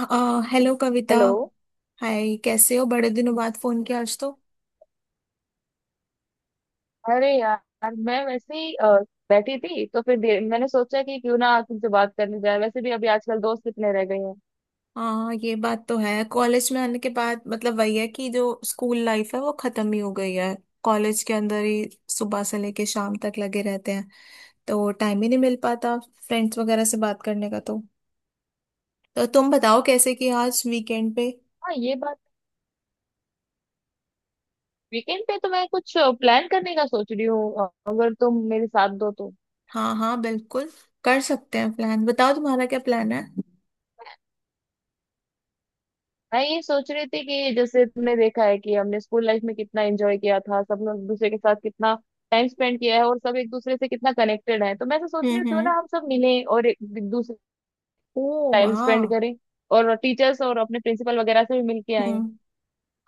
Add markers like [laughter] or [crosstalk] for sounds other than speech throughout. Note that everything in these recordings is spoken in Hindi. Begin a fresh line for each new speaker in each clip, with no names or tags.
हेलो कविता।
हेलो।
हाय कैसे हो? बड़े दिनों बाद फोन किया आज तो।
अरे यार, मैं वैसे ही बैठी थी, तो फिर मैंने सोचा कि क्यों ना तुमसे बात करने जाए। वैसे भी अभी आजकल दोस्त कितने रह गए हैं।
हाँ ये बात तो है। कॉलेज में आने के बाद मतलब वही है कि जो स्कूल लाइफ है वो खत्म ही हो गई है कॉलेज के अंदर ही। सुबह से लेके शाम तक लगे रहते हैं तो टाइम ही नहीं मिल पाता फ्रेंड्स वगैरह से बात करने का। तो तुम बताओ कैसे कि आज वीकेंड पे।
हाँ, ये बात। वीकेंड पे तो मैं कुछ प्लान करने का सोच रही हूँ, अगर तुम मेरे साथ दो तो।
हाँ हाँ, बिल्कुल कर सकते हैं प्लान। बताओ तुम्हारा क्या प्लान है।
मैं ये सोच रही थी कि जैसे तुमने देखा है कि हमने स्कूल लाइफ में कितना एंजॉय किया था, सब लोग एक दूसरे के साथ कितना टाइम स्पेंड किया है और सब एक दूसरे से कितना कनेक्टेड है। तो मैं ऐसा सोच रही हूँ क्यों
हम्म।
ना हम सब मिलें और एक दूसरे
ओ
टाइम स्पेंड
वाह।
करें, और टीचर्स और अपने प्रिंसिपल वगैरह से भी मिल के आए।
हम्म।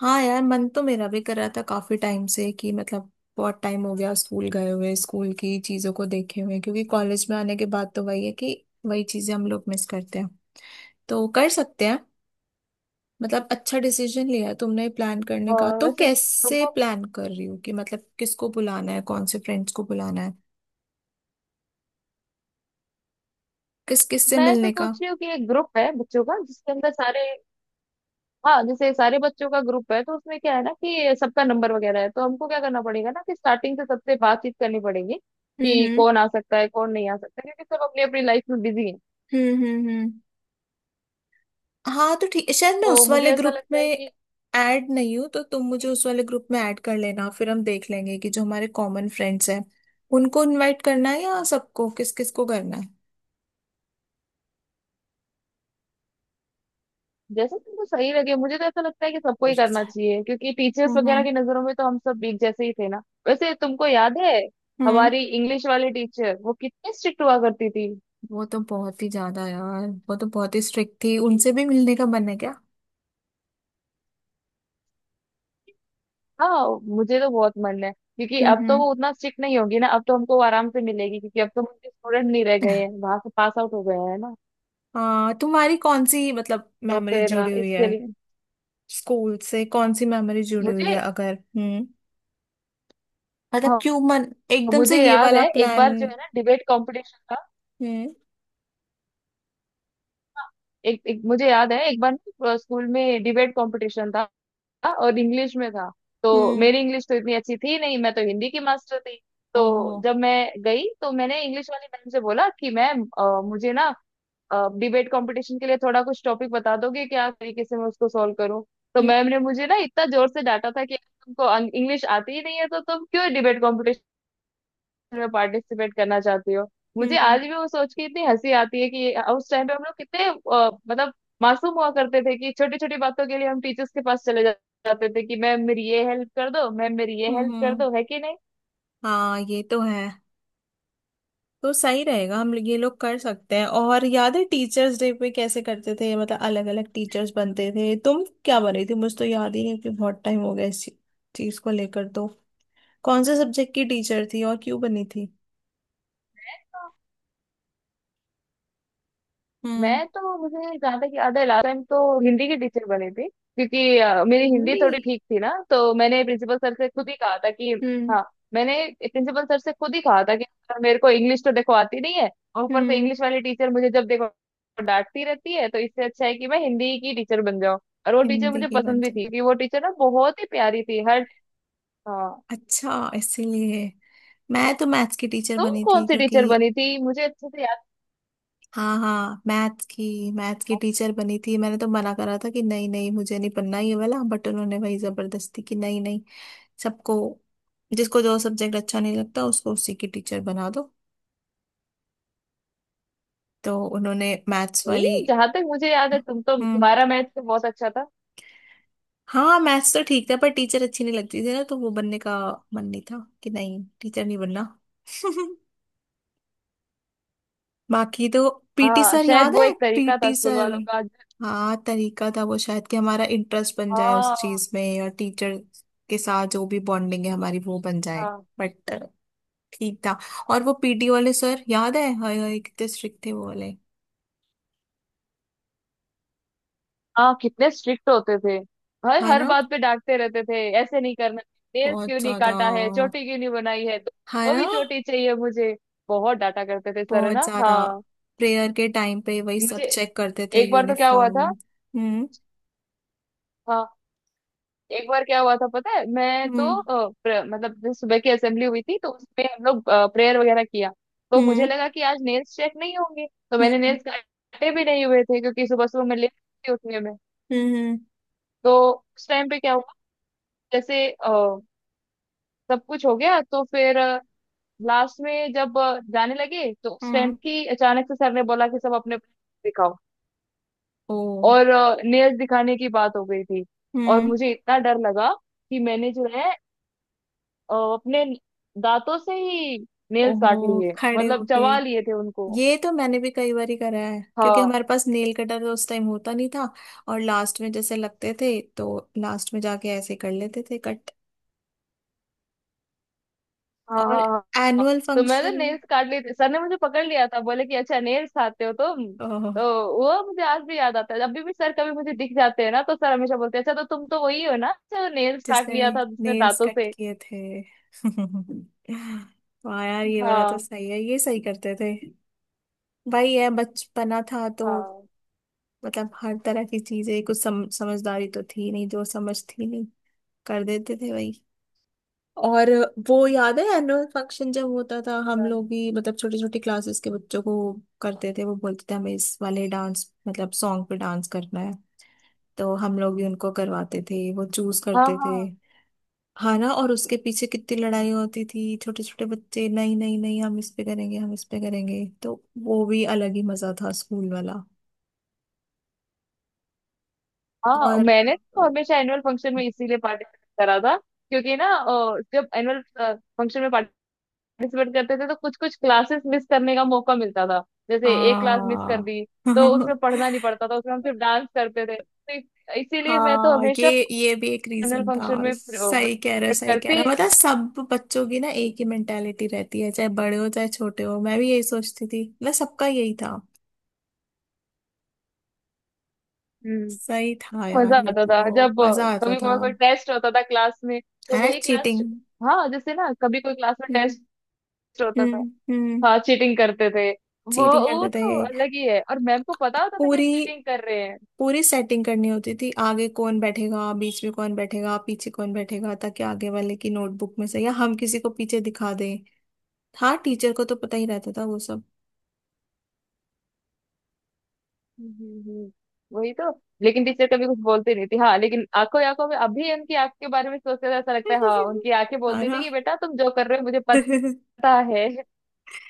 हाँ यार, मन तो मेरा भी कर रहा था काफी टाइम से कि मतलब बहुत टाइम हो गया स्कूल गए हुए, स्कूल की चीजों को देखे हुए, क्योंकि कॉलेज में आने के बाद तो वही है कि वही चीजें हम लोग मिस करते हैं। तो कर सकते हैं। मतलब अच्छा डिसीजन लिया है तुमने प्लान करने का।
और
तो
वैसे
कैसे
तुमको।
प्लान कर रही हो कि मतलब किसको बुलाना है, कौन से फ्रेंड्स को बुलाना है, किस किस से
मैं तो
मिलने का।
सोच रही हूँ कि एक ग्रुप है बच्चों का जिसके अंदर सारे। हाँ, जैसे सारे बच्चों का ग्रुप है तो उसमें क्या है ना कि सबका नंबर वगैरह है। तो हमको क्या करना पड़ेगा ना कि स्टार्टिंग से सबसे बातचीत करनी पड़ेगी
हम्म
कि
हम्म
कौन आ सकता है कौन नहीं आ सकता, क्योंकि सब अपनी अपनी लाइफ में बिजी है।
हम्म हम्म हम्म। हाँ तो ठीक। शायद मैं
तो
उस
मुझे
वाले
ऐसा
ग्रुप
लगता
में
है कि।
ऐड नहीं हूँ तो तुम मुझे उस वाले ग्रुप में ऐड कर लेना। फिर हम देख लेंगे कि जो हमारे कॉमन फ्रेंड्स हैं उनको इनवाइट करना है या सबको, किस किस को करना है।
जैसे तुमको सही लगे, मुझे तो ऐसा लगता है कि सबको
हम्म
ही करना चाहिए, क्योंकि टीचर्स वगैरह
हम्म
की नजरों में तो हम सब एक जैसे ही थे ना। वैसे तुमको याद है
हम्म।
हमारी इंग्लिश वाली टीचर वो कितनी स्ट्रिक्ट हुआ करती थी।
वो तो बहुत ही ज्यादा यार, वो तो बहुत ही स्ट्रिक्ट थी। उनसे भी मिलने का मन है क्या?
हाँ। मुझे तो बहुत मन है, क्योंकि अब तो
हम्म।
वो उतना स्ट्रिक्ट नहीं होगी ना, अब तो हमको आराम से मिलेगी, क्योंकि अब तो मुझे स्टूडेंट नहीं रह गए हैं,
[laughs]
वहां से पास आउट हो गए हैं ना।
हाँ, तुम्हारी कौन सी मतलब
तो
मेमोरी
फिर
जुड़ी हुई है
इसके लिए
स्कूल से? कौन सी मेमोरी जुड़ी हुई
मुझे।
है? अगर हम्म, मतलब
हाँ,
क्यों मन एकदम से
मुझे
ये
याद
वाला
है एक
प्लान?
बार जो है ना डिबेट कंपटीशन था।
हम्म
हाँ, एक मुझे याद है, एक बार स्कूल में डिबेट कंपटीशन था और इंग्लिश में था। तो
हम्म।
मेरी इंग्लिश तो इतनी अच्छी थी नहीं, मैं तो हिंदी की मास्टर थी। तो
ओहो।
जब मैं गई तो मैंने इंग्लिश वाली मैम से बोला कि मैम, मुझे ना डिबेट कंपटीशन के लिए थोड़ा कुछ टॉपिक बता दोगे क्या तरीके से मैं उसको सॉल्व करूं। तो
हम्म
मैम ने मुझे ना इतना जोर से डांटा था कि तुमको इंग्लिश आती ही नहीं है तो तुम क्यों डिबेट कंपटीशन में पार्टिसिपेट करना चाहती हो। मुझे
हम्म
आज भी वो सोच के इतनी हंसी आती है कि उस टाइम पे हम लोग कितने मतलब मासूम हुआ करते थे, कि छोटी छोटी बातों के लिए हम टीचर्स के पास चले जाते थे कि मैम मेरी ये हेल्प कर दो, मैम मेरी ये
हम्म,
हेल्प कर दो,
हम्म।
है कि नहीं।
हाँ ये तो है। तो सही रहेगा, हम ये लोग कर सकते हैं। और याद है टीचर्स डे पे कैसे करते थे? मतलब अलग अलग टीचर्स बनते थे। तुम क्या बनी थी? मुझे तो याद ही नहीं कि बहुत टाइम हो गया इस चीज को लेकर। तो कौन से सब्जेक्ट की टीचर थी और क्यों बनी थी? हम्म।
मैं तो मुझे जहाँ तक याद है लास्ट टाइम तो हिंदी की टीचर बनी थी, क्योंकि मेरी हिंदी
हिंदी।
थोड़ी ठीक थी ना। तो मैंने प्रिंसिपल सर से खुद ही कहा था कि।
हम्म
हाँ, मैंने प्रिंसिपल सर से खुद ही कहा था कि "सर, मेरे को इंग्लिश तो देखो आती नहीं है, और ऊपर से
हम्म।
इंग्लिश वाली टीचर मुझे जब देखो डांटती रहती है, तो इससे अच्छा है कि मैं हिंदी की टीचर बन जाऊँ।" और वो टीचर
हिंदी
मुझे
की बन।
पसंद भी थी, क्योंकि वो टीचर ना बहुत ही प्यारी थी, हर। हाँ,
अच्छा, इसीलिए। मैं तो मैथ्स की टीचर
तुम
बनी
कौन
थी
सी
क्योंकि
टीचर बनी थी मुझे अच्छे से याद
हाँ हाँ, मैथ की टीचर बनी थी। मैंने तो मना करा था कि नहीं नहीं, मुझे नहीं पढ़ना ये वाला, बट उन्होंने वही जबरदस्ती की। नहीं नहीं, सबको जिसको जो सब्जेक्ट अच्छा नहीं लगता उसको उसी की टीचर बना दो। तो उन्होंने मैथ्स वाली।
नहीं। जहां तक मुझे याद है,
हम्म।
तुम्हारा मैथ तो बहुत अच्छा था।
हाँ मैथ्स तो ठीक था, पर टीचर अच्छी नहीं लगती थी ना, तो वो बनने का मन नहीं था, कि नहीं टीचर नहीं बनना। [laughs] बाकी तो पीटी
हाँ,
सर
शायद
याद
वो
है?
एक तरीका था
पीटी
स्कूल
सर।
वालों का।
हाँ तरीका था वो शायद कि हमारा इंटरेस्ट बन जाए उस
हाँ
चीज में और टीचर के साथ जो भी बॉन्डिंग है हमारी वो बन जाए।
हाँ
बट ठीक था। और वो पीटी वाले सर याद है? हाय हाय कितने स्ट्रिक्ट थे वो वाले।
हाँ, कितने स्ट्रिक्ट होते थे, हर
है
हर
ना,
बात पे डांटते रहते थे, ऐसे नहीं करना, नेल्स क्यों
बहुत
नहीं
ज्यादा।
काटा है, चोटी क्यों नहीं बनाई है,
है
दो
ना,
ही चोटी चाहिए मुझे। बहुत डांटा करते थे सर, है
बहुत
ना,
ज्यादा।
हाँ।
प्रेयर के टाइम पे वही सब
मुझे
चेक करते थे,
एक बार तो क्या हुआ
यूनिफॉर्म।
था।
हम्म
हाँ, एक बार क्या हुआ था पता है, मैं तो
हम्म
मतलब जैसे सुबह की असेंबली हुई थी तो उसमें हम लोग प्रेयर वगैरह किया। तो मुझे
हम्म
लगा कि आज नेल्स चेक नहीं होंगे, तो मैंने
हम्म
नेल्स काटे भी नहीं हुए थे, क्योंकि सुबह सुबह मैं लेट थी उठने में।
हम्म हम्म
तो उस टाइम पे क्या हुआ, जैसे सब कुछ हो गया तो फिर लास्ट में जब जाने लगे, तो उस टाइम
हम्म,
की अचानक से सर ने बोला कि सब अपने दिखाओ।
ओ
और नेल्स दिखाने की बात हो गई थी। और
हम्म।
मुझे इतना डर लगा कि मैंने जो है अपने दांतों से ही नेल्स काट
ओहो,
लिए,
खड़े
मतलब
होके?
चबा लिए थे उनको।
ये तो मैंने भी कई बार ही करा है, क्योंकि
हाँ
हमारे पास नेल कटर तो उस टाइम होता नहीं था। और लास्ट में जैसे लगते थे तो लास्ट में जाके ऐसे कर लेते थे कट।
हाँ
और
हाँ हाँ हाँ।
एनुअल
तो मैंने
फंक्शन।
नेल्स काट लिए थे, सर ने मुझे पकड़ लिया था, बोले कि अच्छा नेल्स खाते हो तुम।
ओह,
तो वो मुझे आज भी याद आता है, जब भी सर कभी मुझे दिख जाते हैं ना तो सर हमेशा बोलते हैं अच्छा, तो तुम तो वही हो ना, अच्छा, नेल्स काट
जिसने
लिया था जिसमें
नेल्स
दांतों
कट
से।
किए थे। [laughs] वाह यार, ये वाला तो
हाँ
सही है, ये सही करते थे। भाई ये बचपना था तो
हाँ
मतलब हर तरह की चीजें, कुछ समझदारी तो थी नहीं, जो समझ थी नहीं कर देते थे। और वो याद है एनुअल फंक्शन जब होता था, हम
हाँ
लोग भी मतलब छोटी छोटी क्लासेस के बच्चों को करते थे। वो बोलते थे हमें इस वाले डांस, मतलब सॉन्ग पे डांस करना है। तो हम लोग भी उनको करवाते थे, वो चूज करते थे।
हाँ
हाँ ना। और उसके पीछे कितनी लड़ाई होती थी, छोटे छोटे बच्चे नहीं नहीं नहीं, हम इस पे करेंगे हम इस पे करेंगे। तो वो भी अलग ही मजा था स्कूल वाला।
हाँ, हाँ,
और
मैंने तो हमेशा एनुअल फंक्शन में इसीलिए पार्टिसिपेट करा था, क्योंकि ना जब एनुअल फंक्शन में पार्टिसिपेट करते थे तो कुछ कुछ क्लासेस मिस करने का मौका मिलता था। जैसे एक क्लास मिस कर
हाँ।
दी तो
[laughs]
उसमें पढ़ना नहीं पड़ता था, उसमें हम सिर्फ डांस करते थे, तो इसीलिए मैं तो
हाँ ये
हमेशा
ये भी एक
फाइनल
रीजन था।
फंक्शन में
सही कह रहे हो
पार्टिसिपेट
सही कह
करती
रहे हो।
ही थी।
मतलब सब बच्चों की ना एक ही मेंटेलिटी रहती है, चाहे बड़े हो चाहे छोटे हो। मैं भी यही सोचती थी, मतलब सबका यही था।
हम्म,
सही था
मजा
यार, ये
आता था
तो
जब
मजा आता
कभी
था।
कभार कोई टेस्ट होता था क्लास में, तो
है ना,
वही क्लास।
चीटिंग।
हाँ, जैसे ना कभी कोई क्लास में
हम्म
टेस्ट होता था।
हम्म हम्म।
हाँ, चीटिंग करते थे। वो
चीटिंग
वो
करते थे।
तो अलग ही है, और मैम को पता होता था कि हम
पूरी
चीटिंग कर रहे हैं।
पूरी सेटिंग करनी होती थी, आगे कौन बैठेगा, बीच में कौन बैठेगा, पीछे कौन बैठेगा, ताकि आगे वाले की नोटबुक में से या हम किसी को पीछे दिखा दें। हाँ टीचर को तो पता ही रहता था वो सब।
हम्म, हम्म, वही तो। लेकिन टीचर कभी कुछ बोलती नहीं थी। हाँ, लेकिन आंखों ही आंखों में, अभी उनकी आंख के बारे में सोचते तो ऐसा लगता है, हाँ, उनकी आंखें
[laughs] है
बोलती थी
ना।
कि बेटा, तुम जो कर रहे हो मुझे
[laughs]
पता है।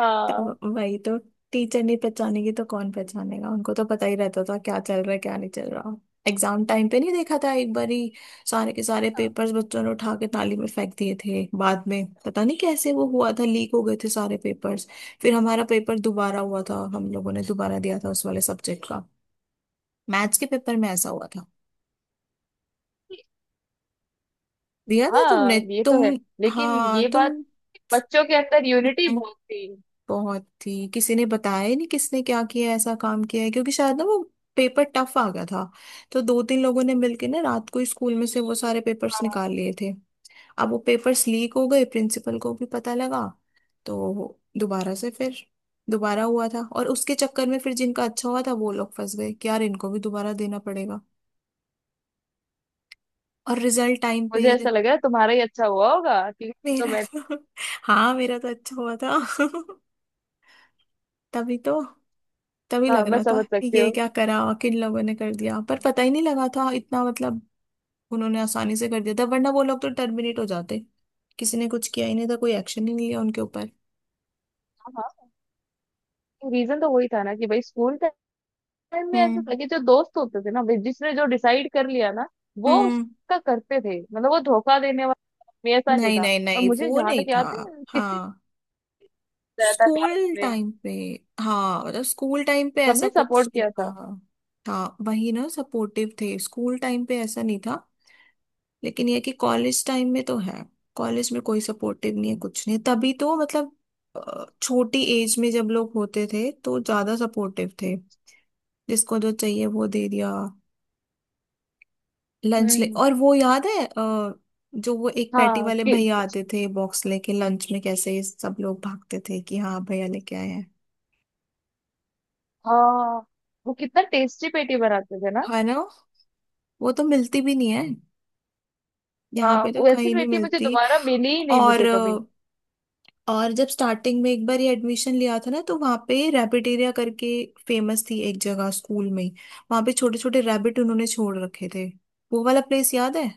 हाँ
तो वही तो, टीचर नहीं पहचानेगी तो कौन पहचानेगा? उनको तो पता ही रहता था क्या चल रहा है क्या नहीं चल रहा। एग्जाम टाइम पे नहीं देखा था एक बार ही सारे के सारे पेपर्स बच्चों ने उठा के नाली में फेंक दिए थे। बाद में पता नहीं कैसे वो हुआ था, लीक हो गए थे सारे पेपर्स। फिर हमारा पेपर दोबारा हुआ था, हम लोगों ने दोबारा दिया था उस वाले सब्जेक्ट का। मैथ्स के पेपर में ऐसा हुआ था। दिया था तुमने?
हाँ, ये तो है।
तुम,
लेकिन
हाँ
ये
तुम।
बात, बच्चों के अंदर यूनिटी बहुत
[laughs]
थी।
बहुत ही किसी ने बताया ही नहीं किसने क्या किया, ऐसा काम किया है, क्योंकि शायद ना वो पेपर टफ आ गया था। तो दो तीन लोगों ने मिलके ना रात को ही स्कूल में से वो सारे पेपर्स
हाँ,
निकाल लिए थे। अब वो पेपर्स लीक हो गए, प्रिंसिपल को भी पता लगा। तो दोबारा से फिर दोबारा हुआ था। और उसके चक्कर में फिर जिनका अच्छा हुआ था वो लोग फंस गए कि यार इनको भी दोबारा देना पड़ेगा। और रिजल्ट टाइम पे
मुझे
ही-
ऐसा लग रहा है तुम्हारा ही अच्छा हुआ होगा, क्योंकि तुम तो,
मेरा
मैं।
तो [laughs] हाँ मेरा तो अच्छा हुआ था। [laughs] तभी तो। तभी
हाँ,
लग
मैं
रहा था
समझ
कि
सकती
ये
हूँ।
क्या करा, किन लोगों ने कर दिया, पर पता ही नहीं लगा था इतना मतलब। उन्होंने आसानी से कर दिया था, वरना वो लोग तो टर्मिनेट हो जाते। किसी ने कुछ किया ही नहीं था, कोई एक्शन ही नहीं लिया उनके ऊपर।
हाँ, रीजन तो वही था ना कि भाई, स्कूल टाइम में ऐसा था
हम्म
कि जो दोस्त होते थे ना, भाई, जिसने जो डिसाइड कर लिया ना वो
हम्म।
उसका करते थे, मतलब वो धोखा देने वाला आदमी ऐसा नहीं
नहीं
था।
नहीं
और
नहीं,
मुझे
वो
जहां
नहीं
तक
था।
याद है, किसी
हाँ,
ने बताया था क्लास
स्कूल
में,
टाइम पे। हाँ मतलब स्कूल टाइम पे ऐसा
सबने
कुछ
सपोर्ट
नहीं
किया था।
था। हाँ वही ना, सपोर्टिव थे, स्कूल टाइम पे ऐसा नहीं था। लेकिन ये कि कॉलेज टाइम में तो है। कॉलेज में कोई सपोर्टिव नहीं है, कुछ नहीं है। तभी तो मतलब छोटी एज में जब लोग होते थे तो ज्यादा सपोर्टिव थे, जिसको जो चाहिए वो दे दिया,
हम्म
लंच ले।
हम्म।
और वो याद है जो वो एक पैटी
हाँ
वाले
कि।
भैया आते थे बॉक्स लेके लंच में, कैसे ये सब लोग भागते थे कि हाँ भैया लेके आए हैं।
हाँ, वो कितना टेस्टी पेटी बनाते थे ना।
है ना? वो तो मिलती भी नहीं है, यहाँ
हाँ,
पे तो
वैसी
कहीं नहीं
पेटी मुझे
मिलती।
दोबारा मिली ही नहीं, मुझे
और
कभी।
और जब स्टार्टिंग में एक बार ये एडमिशन लिया था ना, तो वहाँ पे रैबिटेरिया करके फेमस थी एक जगह स्कूल में। वहाँ पे छोटे छोटे रैबिट उन्होंने छोड़ रखे थे। वो वाला प्लेस याद है?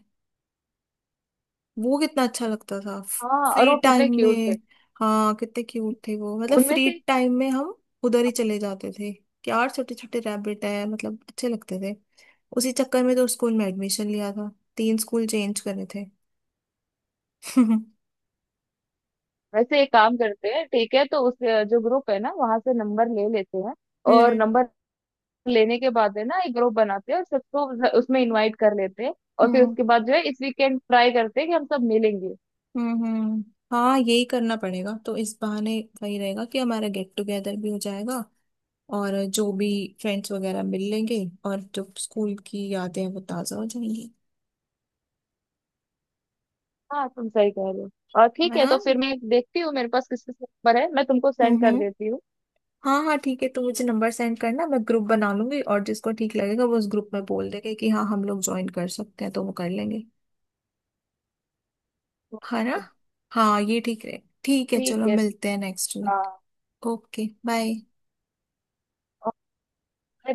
वो कितना अच्छा लगता था
हाँ, और
फ्री
वो
टाइम
कितने क्यूट
में।
थे।
हाँ कितने क्यूट थे वो, मतलब
उनमें
फ्री
से।
टाइम में हम उधर ही चले जाते थे कि यार छोटे छोटे रैबिट है, मतलब अच्छे लगते थे। उसी चक्कर में तो स्कूल में एडमिशन लिया था। 3 स्कूल चेंज करे थे। [laughs]
वैसे एक काम करते हैं, ठीक है, तो उस जो ग्रुप है ना वहां से नंबर ले लेते हैं। और
हम्म
नंबर लेने के बाद है ना एक ग्रुप बनाते हैं और सबको उसमें इनवाइट कर लेते हैं। और फिर
हम्म
उसके बाद जो है, इस वीकेंड ट्राई करते हैं कि हम सब मिलेंगे।
हम्म। हाँ यही करना पड़ेगा। तो इस बहाने सही रहेगा कि हमारा गेट टुगेदर भी हो जाएगा और जो भी फ्रेंड्स वगैरह मिल लेंगे, और जो स्कूल की यादें हैं वो ताज़ा हो जाएंगी।
हाँ, तुम सही कह रहे हो। और ठीक
है
है,
ना।
तो फिर मैं देखती हूँ मेरे पास किस किस नंबर है, मैं तुमको सेंड कर
हम्म।
देती हूँ।
हाँ हाँ ठीक है, तो मुझे नंबर सेंड करना। मैं ग्रुप बना लूंगी और जिसको ठीक लगेगा वो उस ग्रुप में बोल देगा कि हाँ हम लोग ज्वाइन कर सकते हैं तो वो कर लेंगे। है ना। हाँ ये ठीक रहे। ठीक है,
ठीक
चलो
है।
मिलते हैं नेक्स्ट
हाँ,
वीक। Okay, bye.
और